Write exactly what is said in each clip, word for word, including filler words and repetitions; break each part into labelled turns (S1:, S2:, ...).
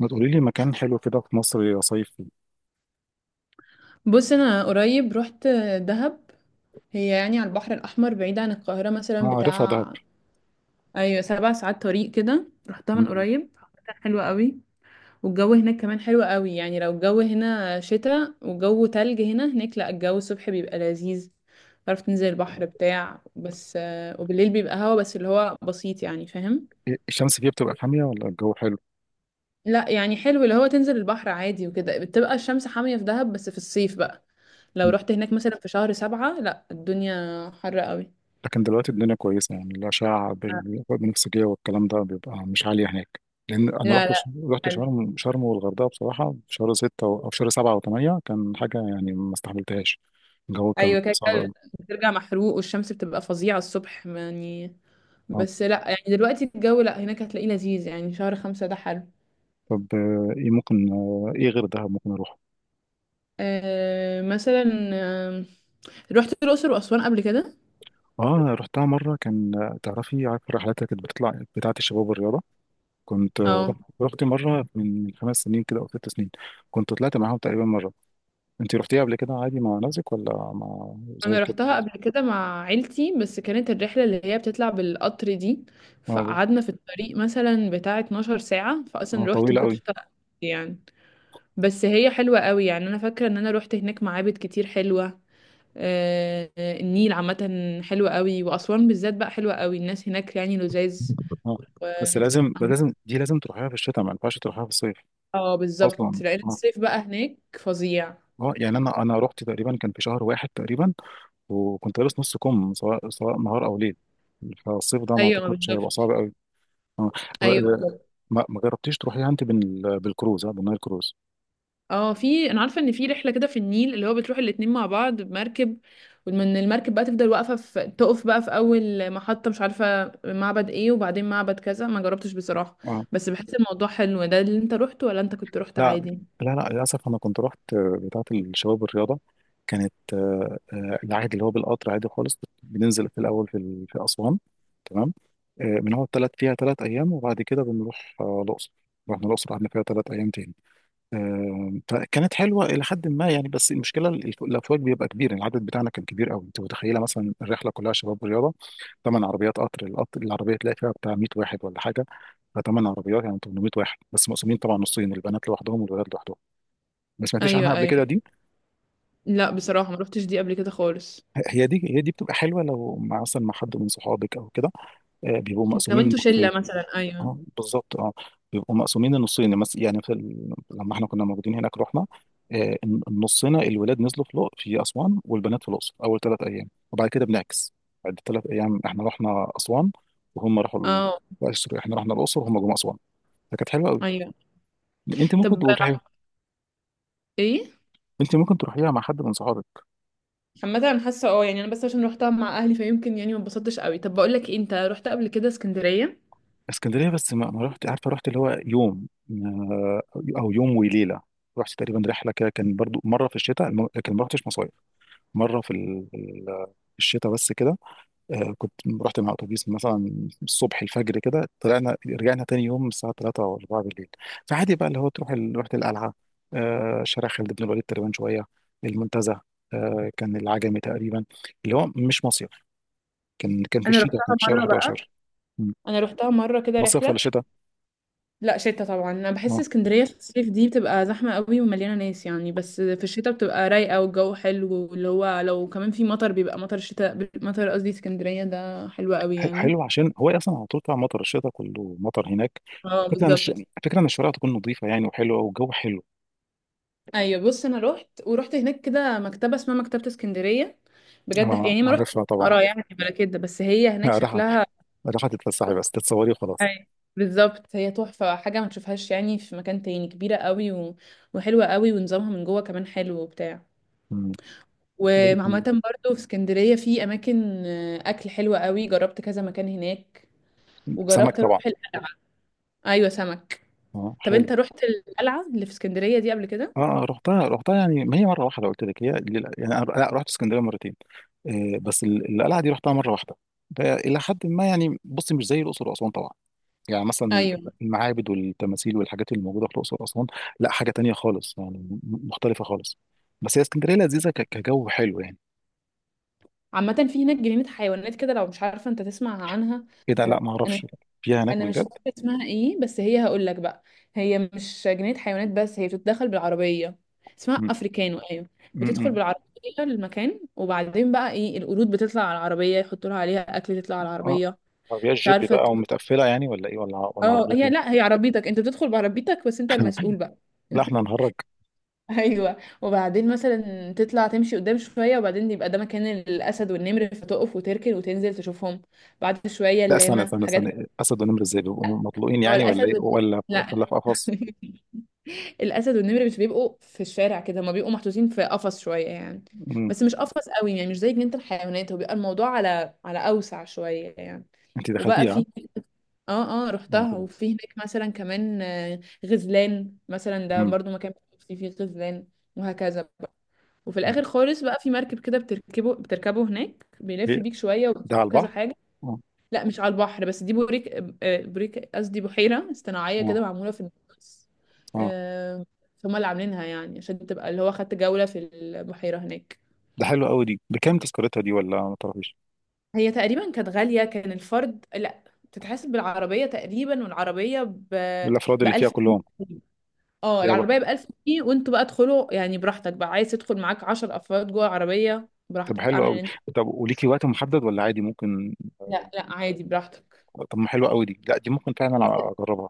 S1: ما تقولي لي مكان حلو كده في مصر يا صيف.
S2: بص انا قريب رحت دهب. هي يعني على البحر الاحمر، بعيد عن القاهره مثلا
S1: ما عارفها دهب.
S2: بتاع. ايوه، سبع ساعات طريق كده، رحتها من
S1: مم.
S2: قريب. كانت حلوه قوي، والجو هناك كمان حلو قوي. يعني لو الجو هنا شتاء وجو تلج، هنا هناك لا، الجو الصبح بيبقى لذيذ، تعرف تنزل البحر بتاع، بس آه، وبالليل بيبقى هوا بس اللي هو بسيط، يعني فاهم.
S1: إيه، الشمس فيها بتبقى حامية ولا الجو حلو؟
S2: لا يعني حلو، اللي هو تنزل البحر عادي، وكده بتبقى الشمس حامية في دهب، بس في الصيف بقى لو
S1: مم.
S2: رحت هناك مثلا في شهر سبعة، لا الدنيا حر قوي.
S1: لكن دلوقتي الدنيا كويسة يعني الأشعة بال- بالبنفسجية والكلام ده بيبقى مش عالية هناك، لأن أنا
S2: لا
S1: رحت ش-
S2: لا،
S1: رحت
S2: حلو.
S1: شرم شرم والغردقة بصراحة في شهر ستة أو أو في شهر سبعة وثمانية، كان حاجة يعني ما استحملتهاش. الجو كان
S2: ايوه كده
S1: صعب
S2: كده،
S1: أوي.
S2: بترجع محروق، والشمس بتبقى فظيعه الصبح يعني.
S1: آه.
S2: بس لا، يعني دلوقتي الجو لا، هناك هتلاقيه لذيذ، يعني شهر خمسة ده حلو.
S1: طب آه، إيه ممكن، آه، إيه غير دهب ممكن أروح؟
S2: آه مثلا، آه، رحت الاقصر واسوان قبل كده.
S1: آه رحتها مرة، كان آه، تعرفي عارفة الرحلات اللي كانت بتطلع بتاعة الشباب والرياضة، كنت رحت.
S2: اه،
S1: رحت مرة من من خمس سنين كده أو ست سنين، كنت طلعت معاهم تقريبا مرة. أنت رحتيها قبل كده عادي مع نفسك ولا مع زي
S2: انا
S1: كده؟
S2: رحتها قبل كده مع عيلتي، بس كانت الرحله اللي هي بتطلع بالقطر دي،
S1: آه،
S2: فقعدنا في الطريق مثلا بتاع اثناشر ساعة ساعه،
S1: آه،
S2: فاصلا رحت ما
S1: طويلة أوي.
S2: كنتش طايقة نفسي يعني. بس هي حلوه قوي يعني، انا فاكره ان انا رحت هناك معابد كتير حلوه. آه، النيل عامة حلوة قوي، وأسوان بالذات بقى حلوة قوي، الناس هناك يعني لذاذ.
S1: اه
S2: و...
S1: بس لازم، لازم دي لازم تروحيها في الشتاء، ما ينفعش تروحيها في الصيف.
S2: اه بالظبط،
S1: اصلا
S2: لأن
S1: اه.
S2: الصيف بقى هناك فظيع.
S1: اه يعني انا انا رحت تقريبا كان في شهر واحد تقريبا، وكنت لابس نص كم سواء سواء نهار او ليل، فالصيف ده ما
S2: أيوة ما
S1: اعتقدش هيبقى
S2: بالظبط.
S1: صعب قوي. اه.
S2: أيوة
S1: ب-
S2: بالظبط.
S1: ما ما جربتيش تروحيها انت بال- بالكروز، اه بالنايل كروز؟
S2: اه، في أنا عارفة إن في رحلة كده في النيل، اللي هو بتروح الاتنين مع بعض بمركب، ومن المركب بقى تفضل واقفة في تقف بقى في أول محطة، مش عارفة معبد ايه، وبعدين معبد كذا، ما جربتش بصراحة.
S1: اه.
S2: بس بحس الموضوع حلو ده، اللي انت روحته ولا انت كنت روحت
S1: لا.
S2: عادي؟
S1: لا لا، للأسف أنا كنت رحت، آه، بتاعة الشباب الرياضة. كانت آه، آه، العادي اللي هو بالقطر عادي خالص، بت- بننزل في الأول في ال- في أسوان. تمام. آه، بنقعد تلات فيها تلات أيام وبعد كده بنروح آه، الأقصر. رحنا الأقصر قعدنا فيها تلات أيام تاني. آه، فكانت حلوة إلى حد ما يعني، بس المشكلة ال- الف- الأفواج بيبقى كبير، يعني العدد بتاعنا كان كبير قوي. أنت متخيلة مثلا الرحلة كلها شباب رياضة، ثمان عربيات قطر، القطر العربية تلاقي فيها بتاع مية واحد ولا حاجة. ثمان عربيات يعني تمنمية واحد، بس مقسومين طبعا نصين، البنات لوحدهم والولاد لوحدهم. ما سمعتش
S2: ايوه
S1: عنها قبل
S2: ايوه.
S1: كده دي.
S2: لا بصراحة ما روحتش دي قبل كده خالص.
S1: هي دي هي دي بتبقى حلوه لو مع مثلا مع حد من صحابك او كده، آه، بيبقوا
S2: لو
S1: مقسومين
S2: انتوا
S1: نصين.
S2: شله مثلا ايوه.
S1: اه بالظبط اه. بيبقوا مقسومين النصين، مس- يعني في ال... لما احنا كنا موجودين هناك رحنا، آه، الن- النصنا الولاد نزلوا في لق- في اسوان والبنات في الاقصر اول ثلاث ايام، وبعد كده بنعكس. بعد ثلاث ايام احنا رحنا اسوان وهم راحوا ال...
S2: اه
S1: لا، سوري، احنا رحنا الاقصر وهم جم اسوان. فكانت حلوه قوي.
S2: ايوه.
S1: انت ممكن
S2: طب
S1: تقول،
S2: ايه؟
S1: انت ممكن تروحيها مع حد من صحابك.
S2: عامه انا حاسه اه، يعني انا بس عشان روحتها مع اهلي، فيمكن يعني ما اتبسطتش قوي. طب بقول لك ايه، انت رحت قبل كده اسكندريه؟
S1: اسكندريه، بس ما، ما رحت عارفه، رحت اللي هو يوم، آه، او يوم وليله. رحت تقريبا رحله كده كان برضو مره في الشتاء، الم- لكن ما رحتش مصايف، مره في ال- ال- الشتاء بس كده. آه، كنت رحت مع اتوبيس مثلا الصبح الفجر كده، طلعنا رجعنا تاني يوم الساعه ثلاثة او اربعة بالليل. فعادي بقى اللي هو تروح ال- رحت القلعه، آه، شارع خالد بن الوليد تقريبا شويه، المنتزه، آه، كان العجمي تقريبا، اللي هو مش مصيف، كان كان في
S2: انا
S1: الشتاء،
S2: روحتها
S1: كان في شهر
S2: مره بقى.
S1: أحد عشر. مم.
S2: انا روحتها مره كده
S1: مصيف ولا
S2: رحله.
S1: شتاء؟
S2: لا شتا طبعا، انا بحس
S1: آه.
S2: اسكندريه في الصيف دي بتبقى زحمه قوي ومليانه ناس يعني، بس في الشتا بتبقى رايقه والجو حلو، واللي هو لو كمان في مطر، بيبقى مطر الشتاء، مطر قصدي اسكندريه ده حلو قوي
S1: ح-
S2: يعني.
S1: حلو عشان هو اصلا على طول بتاع مطر الشتاء كله مطر هناك.
S2: اه
S1: فكرة ان الش...
S2: بالظبط.
S1: فكرة ان الشوارع تكون نظيفة يعني، وحلوة والجو حلو.
S2: ايوه بص انا رحت ورحت هناك كده مكتبه اسمها مكتبه اسكندريه، بجد.
S1: اه
S2: يعني ما رحت
S1: عارفها طبعا.
S2: اقرا يعني ولا كده، بس هي هناك
S1: راحة،
S2: شكلها...
S1: راحة تتفسحي بس تتصوري وخلاص.
S2: أي. بالظبط، هي تحفه، حاجه ما تشوفهاش يعني في مكان تاني، كبيره قوي و... وحلوه قوي، ونظامها من جوه كمان حلو وبتاع.
S1: مم.
S2: وعامه
S1: ولكن.
S2: برضو في اسكندريه في اماكن آه، اكل حلوه قوي، جربت كذا مكان هناك.
S1: سمك
S2: وجربت
S1: طبعا.
S2: اروح القلعه. ايوه سمك.
S1: اه
S2: طب
S1: حلو.
S2: انت رحت القلعه اللي في اسكندريه دي قبل كده؟
S1: اه رحتها، رحتها يعني، ما هي مرة واحدة قلت لك، هي لل- يعني انا لا، رحت اسكندرية مرتين، آه بس ال- القلعة دي رحتها مرة واحدة، فإلى حد ما يعني، بصي مش زي الأقصر وأسوان طبعا، يعني مثلا
S2: ايوه
S1: المعابد والتماثيل والحاجات اللي موجوده في الاقصر واسوان، لا حاجه تانية خالص يعني، م- مختلفه خالص. بس هي اسكندريه لذيذه ك- كجو حلو يعني.
S2: عامة، في هناك جنينة حيوانات كده لو مش عارفة، انت تسمع عنها.
S1: ايه ده؟ لا
S2: انا
S1: ما
S2: انا
S1: اعرفش. فيها هناك
S2: انا مش
S1: بجد؟
S2: فاكرة اسمها ايه، بس هي هقول لك بقى. هي مش جنينة حيوانات، بس هي بتتدخل بالعربية، اسمها
S1: م-
S2: افريكانو ايوه.
S1: م-
S2: بتدخل
S1: م.
S2: بالعربية المكان، وبعدين بقى ايه، القرود بتطلع على العربية، يحطوا لها عليها اكل تطلع على
S1: اه،
S2: العربية.
S1: عربيات
S2: مش
S1: جيب
S2: عارفة ت-
S1: بقى ومتقفله يعني ولا ايه ولا ولا
S2: اه
S1: عربيات
S2: هي،
S1: ايه؟
S2: لا هي عربيتك، انت بتدخل بعربيتك، بس انت المسؤول بقى.
S1: لا احنا نهرج.
S2: ايوه، وبعدين مثلا تطلع تمشي قدام شويه، وبعدين يبقى ده مكان الاسد والنمر، فتقف وتركن وتنزل تشوفهم، بعد شويه
S1: لا، استنى
S2: اللاما،
S1: استنى
S2: حاجات.
S1: استنى، اسد ونمر ازاي بيبقوا مطلوقين
S2: هو
S1: يعني ولا
S2: الاسد
S1: ايه،
S2: وال-
S1: ولا ولا
S2: لا.
S1: في قفص؟
S2: الاسد والنمر مش بيبقوا في الشارع كده، هما بيبقوا محطوطين في قفص شويه يعني،
S1: م.
S2: بس مش قفص قوي، يعني مش زي جنينه الحيوانات، هو بيبقى الموضوع على على اوسع شويه يعني.
S1: انت
S2: وبقى
S1: دخلتيها ها؟
S2: في... اه اه رحتها،
S1: آه.
S2: وفي هناك مثلا كمان آه، غزلان مثلا، ده
S1: م.
S2: برضو مكان فيه فيه غزلان وهكذا. وفي
S1: م.
S2: الاخر خالص بقى، في مركب كده بتركبه بتركبه هناك، بيلف
S1: ايه،
S2: بيك شويه
S1: ده
S2: وبتشوف
S1: على
S2: كذا
S1: البحر؟
S2: حاجه.
S1: اه.
S2: لا مش على البحر، بس دي بوريك، آه، بوريك قصدي، بحيره صناعيه كده، معموله في النص.
S1: اه.
S2: آه، فهم اللي عاملينها يعني، عشان تبقى اللي هو خدت جوله في البحيره هناك.
S1: ده حلو قوي، دي بكام تذكرتها دي ولا ما تعرفيش؟
S2: هي تقريبا كانت غاليه، كان الفرد لا بتتحسب بالعربيه تقريبا، والعربيه ب
S1: بالافراد
S2: ب
S1: اللي فيها
S2: 1000
S1: كلهم
S2: جنيه. اه
S1: فيها بقى؟
S2: العربيه ب ألف جنيه، وانتوا بقى ادخلوا يعني براحتك بقى، عايز تدخل معاك عشرة أفراد افراد جوه العربيه
S1: طب
S2: براحتك،
S1: حلو
S2: اعمل
S1: قوي.
S2: اللي...
S1: طب وليكي وقت محدد ولا عادي ممكن؟
S2: لا لا عادي، براحتك.
S1: طب ما حلو قوي، دي لا دي ممكن فعلا اجربها.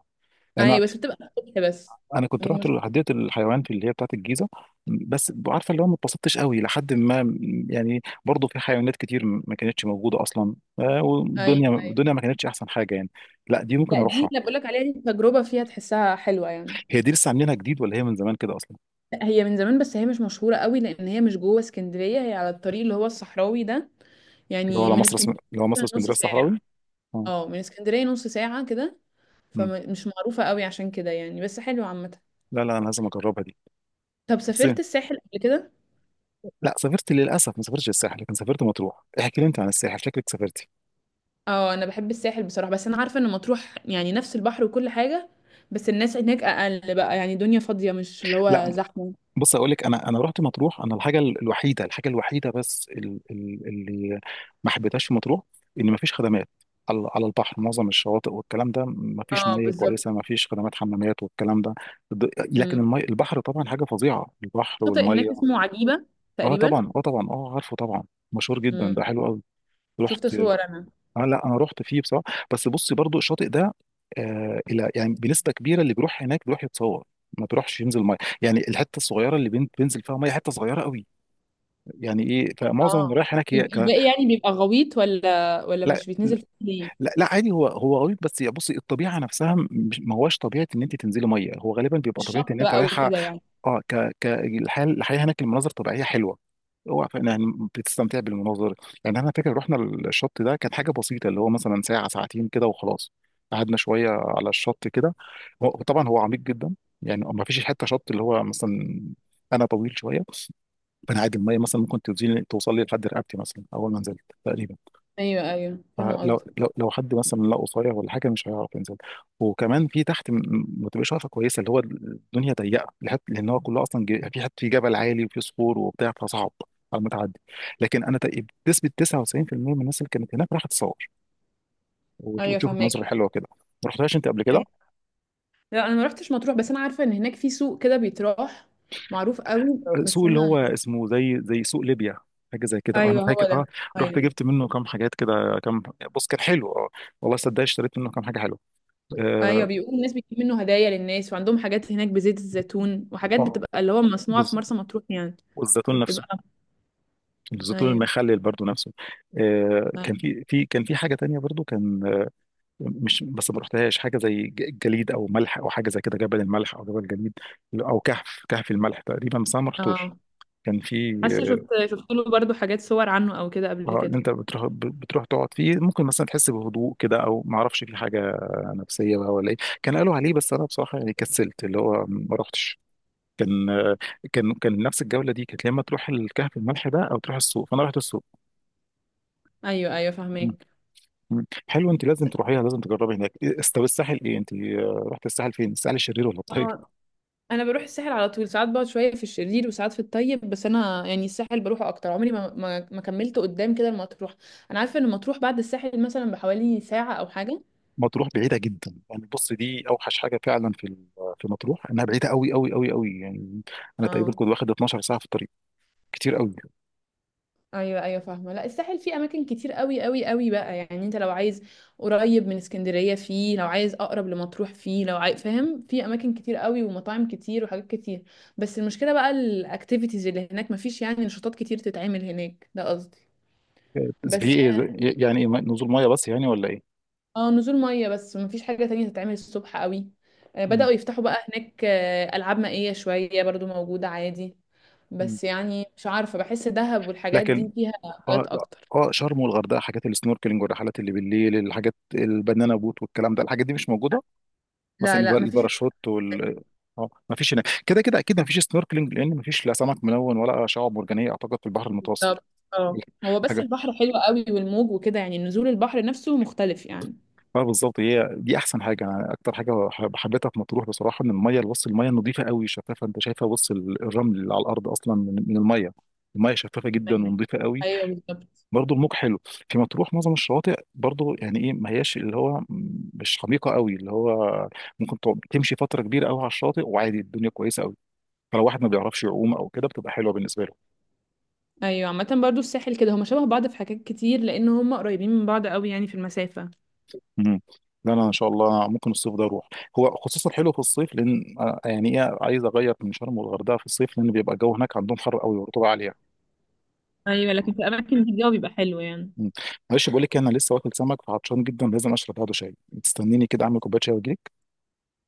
S1: انا،
S2: ايوه بس بتبقى الصبح بس،
S1: انا كنت
S2: دي
S1: رحت
S2: المشكله.
S1: حديقه الحيوان في اللي هي بتاعه الجيزه، بس عارفه اللي هو ما اتبسطتش قوي، لحد ما يعني، برضه في حيوانات كتير ما كانتش موجوده اصلا، آه،
S2: ايوه
S1: والدنيا
S2: ايوه،
S1: الدنيا ما كانتش احسن حاجه يعني. لا دي ممكن
S2: لا دي
S1: اروحها.
S2: اللي بقول لك عليها، دي تجربه فيها، تحسها حلوه يعني.
S1: هي دي لسه عاملينها جديد ولا هي من زمان كده اصلا؟
S2: لا، هي من زمان، بس هي مش مشهوره قوي، لان هي مش جوه اسكندريه، هي على الطريق اللي هو الصحراوي ده،
S1: اللي هو
S2: يعني
S1: على
S2: من
S1: مصر اسم-
S2: اسكندريه
S1: اللي هو مصر
S2: مثلا نص
S1: اسكندريه الصحراوي.
S2: ساعه.
S1: اه.
S2: اه من اسكندريه نص ساعه كده،
S1: أمم.
S2: فمش معروفه قوي عشان كده يعني، بس حلوه عامه.
S1: لا لا، انا لازم اجربها دي.
S2: طب
S1: بس.
S2: سافرت الساحل قبل كده؟
S1: لا سافرت، للاسف ما سافرتش الساحل، لكن سافرت مطروح. احكي لي انت عن الساحل، شكلك سافرتي.
S2: اه انا بحب الساحل بصراحه، بس انا عارفه ان مطروح يعني نفس البحر وكل حاجه، بس الناس هناك اقل بقى، يعني دنيا فاضيه، مش اللي
S1: لا،
S2: هو زحمه.
S1: بص اقول لك، انا انا رحت مطروح. انا الحاجه الوحيده، الحاجه الوحيده بس ال- ال- اللي ما حبيتهاش في مطروح، ان ما فيش خدمات، على على البحر معظم الشواطئ والكلام ده ما فيش
S2: اه
S1: ميه
S2: بالظبط.
S1: كويسه، ما فيش خدمات حمامات والكلام ده. ض- لكن
S2: مم.
S1: المي، البحر طبعا حاجه فظيعه، البحر
S2: شاطئ
S1: والميه.
S2: هناك اسمه عجيبة
S1: اه
S2: تقريبا.
S1: طبعا، اه طبعا، اه عارفه طبعا، مشهور جدا ده
S2: مم.
S1: حلو قوي.
S2: شفت
S1: رحت.
S2: صور انا.
S1: اه لا، انا رحت فيه بصراحه، بس بصي، برضو الشاطئ ده آه، الى يعني بنسبه كبيره اللي بيروح هناك بيروح يتصور، ما بيروحش ينزل ميه. يعني الحته الصغيره اللي بين- بينزل فيها ميه حته صغيره قوي، يعني ايه، فمعظم اللي
S2: اه
S1: رايح هناك
S2: الب-
S1: هي ك...
S2: الباقي يعني بيبقى غويط، ولا ولا
S1: لا.
S2: مش بيتنزل فيه ليه؟
S1: لا لا عادي، هو هو غريب بس، يا بصي الطبيعه نفسها مش، ما هواش طبيعه ان انت تنزلي ميه، هو غالبا بيبقى
S2: مش
S1: طبيعه
S2: شط
S1: ان انت
S2: بقى
S1: رايحه.
S2: وكده يعني.
S1: اه، ك ك الحياه الحياه هناك المناظر طبيعيه حلوه، اوعى ف- يعني بتستمتع بالمناظر. يعني انا فاكر رحنا الشط ده كانت حاجه بسيطه، اللي هو مثلا ساعه ساعتين كده وخلاص، قعدنا شويه على الشط كده. هو طبعا هو عميق جدا، يعني ما فيش حته شط اللي هو مثلا، انا طويل شويه، فانا عادي الميه مثلا ممكن توزيني- توصل لي لحد رقبتي مثلا اول ما نزلت تقريبا.
S2: ايوه ايوه فاهمه
S1: فلو لو
S2: قصدك.
S1: لو حد مثلا لا قصير ولا حاجه مش هيعرف ينزل. وكمان في تحت م- ما تبقاش عارفه كويسه، اللي هو الدنيا ضيقه لحد، لان هو كله اصلا ج- في حد في جبل عالي وفي صخور وبتاع، فصعب على المتعدي. لكن انا تق- بنسبه تسعة وتسعين بالمية من الناس اللي كانت هناك راحت تصور وت-
S2: ايوه
S1: وتشوف المناظر
S2: فاهمك.
S1: الحلوه كده. ما رحتهاش انت قبل كده؟
S2: أيوة. لا انا ما رحتش مطروح، بس انا عارفه ان هناك في سوق كده بيتراح، معروف قوي،
S1: سوق
S2: بس
S1: اللي هو
S2: انا...
S1: اسمه زي، زي سوق ليبيا، حاجه زي كده، اه انا
S2: ايوه هو
S1: فاكر اه.
S2: ده.
S1: رحت
S2: ايوه
S1: جبت منه كام حاجات كده، كام. بص كان حلو اه، والله صدق اشتريت منه كام حاجه حلوه. اه.
S2: ايوه، بيقولوا الناس بتجيب منه هدايا للناس، وعندهم حاجات هناك بزيت الزيتون، وحاجات
S1: آه،
S2: بتبقى اللي هو مصنوعه في
S1: بص،
S2: مرسى مطروح يعني.
S1: والزيتون نفسه،
S2: بتبقى
S1: الزيتون
S2: ايوه.
S1: المخلل برضو نفسه. آه، كان
S2: أيوة.
S1: في في كان في حاجه تانية برضو، كان آه، مش بس ما رحتهاش، حاجه زي ج- جليد او ملح، او حاجه زي كده، جبل الملح او جبل الجليد، او كهف كهف الملح تقريبا، بس انا ما رحتوش.
S2: اه
S1: كان في.
S2: حاسه شفت، شفت له برضو حاجات، صور عنه او كده قبل
S1: اه اللي
S2: كده.
S1: انت بتروح ب- بتروح تقعد فيه، ممكن مثلا تحس بهدوء كده، او ما اعرفش في حاجه نفسيه بقى ولا ايه؟ كان قالوا عليه، بس انا بصراحه يعني كسلت اللي هو ما رحتش. كان آه، كان كان نفس الجوله دي كانت، يا اما تروح الكهف الملح ده او تروح السوق، فانا رحت السوق.
S2: ايوه ايوه فاهمك.
S1: مم. حلو، انت لازم تروحيها، لازم تجربي هناك. إيه- است- طب الساحل ايه، انت آه، رحت الساحل فين، الساحل الشرير ولا الطيب؟
S2: انا انا بروح الساحل على طول، ساعات بقعد شويه في الشرير، وساعات في الطيب، بس انا يعني الساحل بروحه اكتر، عمري ما ما, ما كملت قدام كده المطروح. انا عارفه ان المطروح بعد الساحل مثلا بحوالي ساعه او حاجه.
S1: مطروح بعيده جدا يعني، بص دي اوحش حاجه فعلا في ال- في مطروح، انها بعيده قوي قوي قوي قوي يعني، انا تقريبا
S2: اه
S1: كنت واخد اتناشر ساعه في الطريق. كتير قوي.
S2: ايوه ايوه فاهمه. لا الساحل فيه اماكن كتير قوي قوي قوي بقى، يعني انت لو عايز قريب من اسكندريه فيه، لو عايز اقرب لمطروح فيه، لو عايز فاهم، في اماكن كتير قوي، ومطاعم كتير، وحاجات كتير. بس المشكله بقى، الاكتيفيتيز اللي هناك مفيش، يعني نشاطات كتير تتعمل هناك ده قصدي.
S1: آه، في
S2: بس
S1: ايه زي- يعني ايه، نزول ميه بس يعني ولا ايه؟
S2: اه، نزول ميه بس، مفيش حاجه تانية تتعمل الصبح قوي. آه،
S1: مم.
S2: بداوا يفتحوا بقى هناك آه، العاب مائيه شويه برضو موجوده عادي،
S1: مم.
S2: بس يعني مش عارفه، بحس دهب والحاجات دي
S1: لكن.
S2: فيها
S1: اه
S2: حاجات
S1: لا،
S2: اكتر.
S1: اه شرم والغردقه حاجات السنوركلينج والرحلات اللي بالليل، الحاجات البنانا بوت والكلام ده، الحاجات دي مش موجوده، مثلا
S2: لا
S1: الب-
S2: لا مفيش.
S1: الباراشوت وال. اه ما فيش هناك، كده كده اكيد ما فيش سنوركلينج، لان ما فيش لا سمك ملون ولا شعاب مرجانيه اعتقد في البحر المتوسط.
S2: طب اه، هو بس
S1: حاجه.
S2: البحر حلو قوي، والموج وكده، يعني نزول البحر نفسه مختلف يعني.
S1: اه بالظبط، هي دي احسن حاجه، انا اكتر حاجه حب- حبيتها في مطروح بصراحه، ان الميه، بص الميه نظيفه قوي، شفافه، انت شايفه بص ال- الرمل اللي على الارض اصلا من من الميه. الميه شفافه جدا
S2: أيوة.
S1: ونظيفه قوي.
S2: أيوة بالظبط.
S1: برضو الموج حلو في مطروح. معظم الشواطئ برضو يعني ايه ما هياش اللي هو م- مش عميقه قوي، اللي هو ممكن تقعد- تمشي فتره كبيره قوي على الشاطئ، وعادي الدنيا كويسه قوي، فلو واحد ما بيعرفش يعوم او كده بتبقى حلوه بالنسبه له.
S2: ايوه عامة برضو الساحل كده، هما شبه بعض في حاجات كتير، لان هما قريبين من بعض قوي يعني في المسافة.
S1: امم. لا انا ان شاء الله ممكن الصيف ده اروح، هو خصوصا حلو في الصيف، لان آه، يعني ايه، عايز اغير من شرم والغردقه في الصيف، لان بيبقى الجو هناك عندهم حر قوي ورطوبه عاليه.
S2: ايوه لكن في الاماكن دي الجو بيبقى حلو يعني.
S1: مم. معلش بقول لك إيه، انا لسه واكل سمك فعطشان جدا، لازم اشرب بعده شاي. تستنيني كده اعمل كوبايه شاي واجيلك؟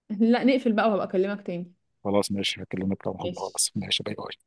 S2: لا نقفل بقى، وهبقى اكلمك تاني.
S1: خلاص ماشي، هكلمك طبعا،
S2: ماشي.
S1: خلاص ماشي، باي باي.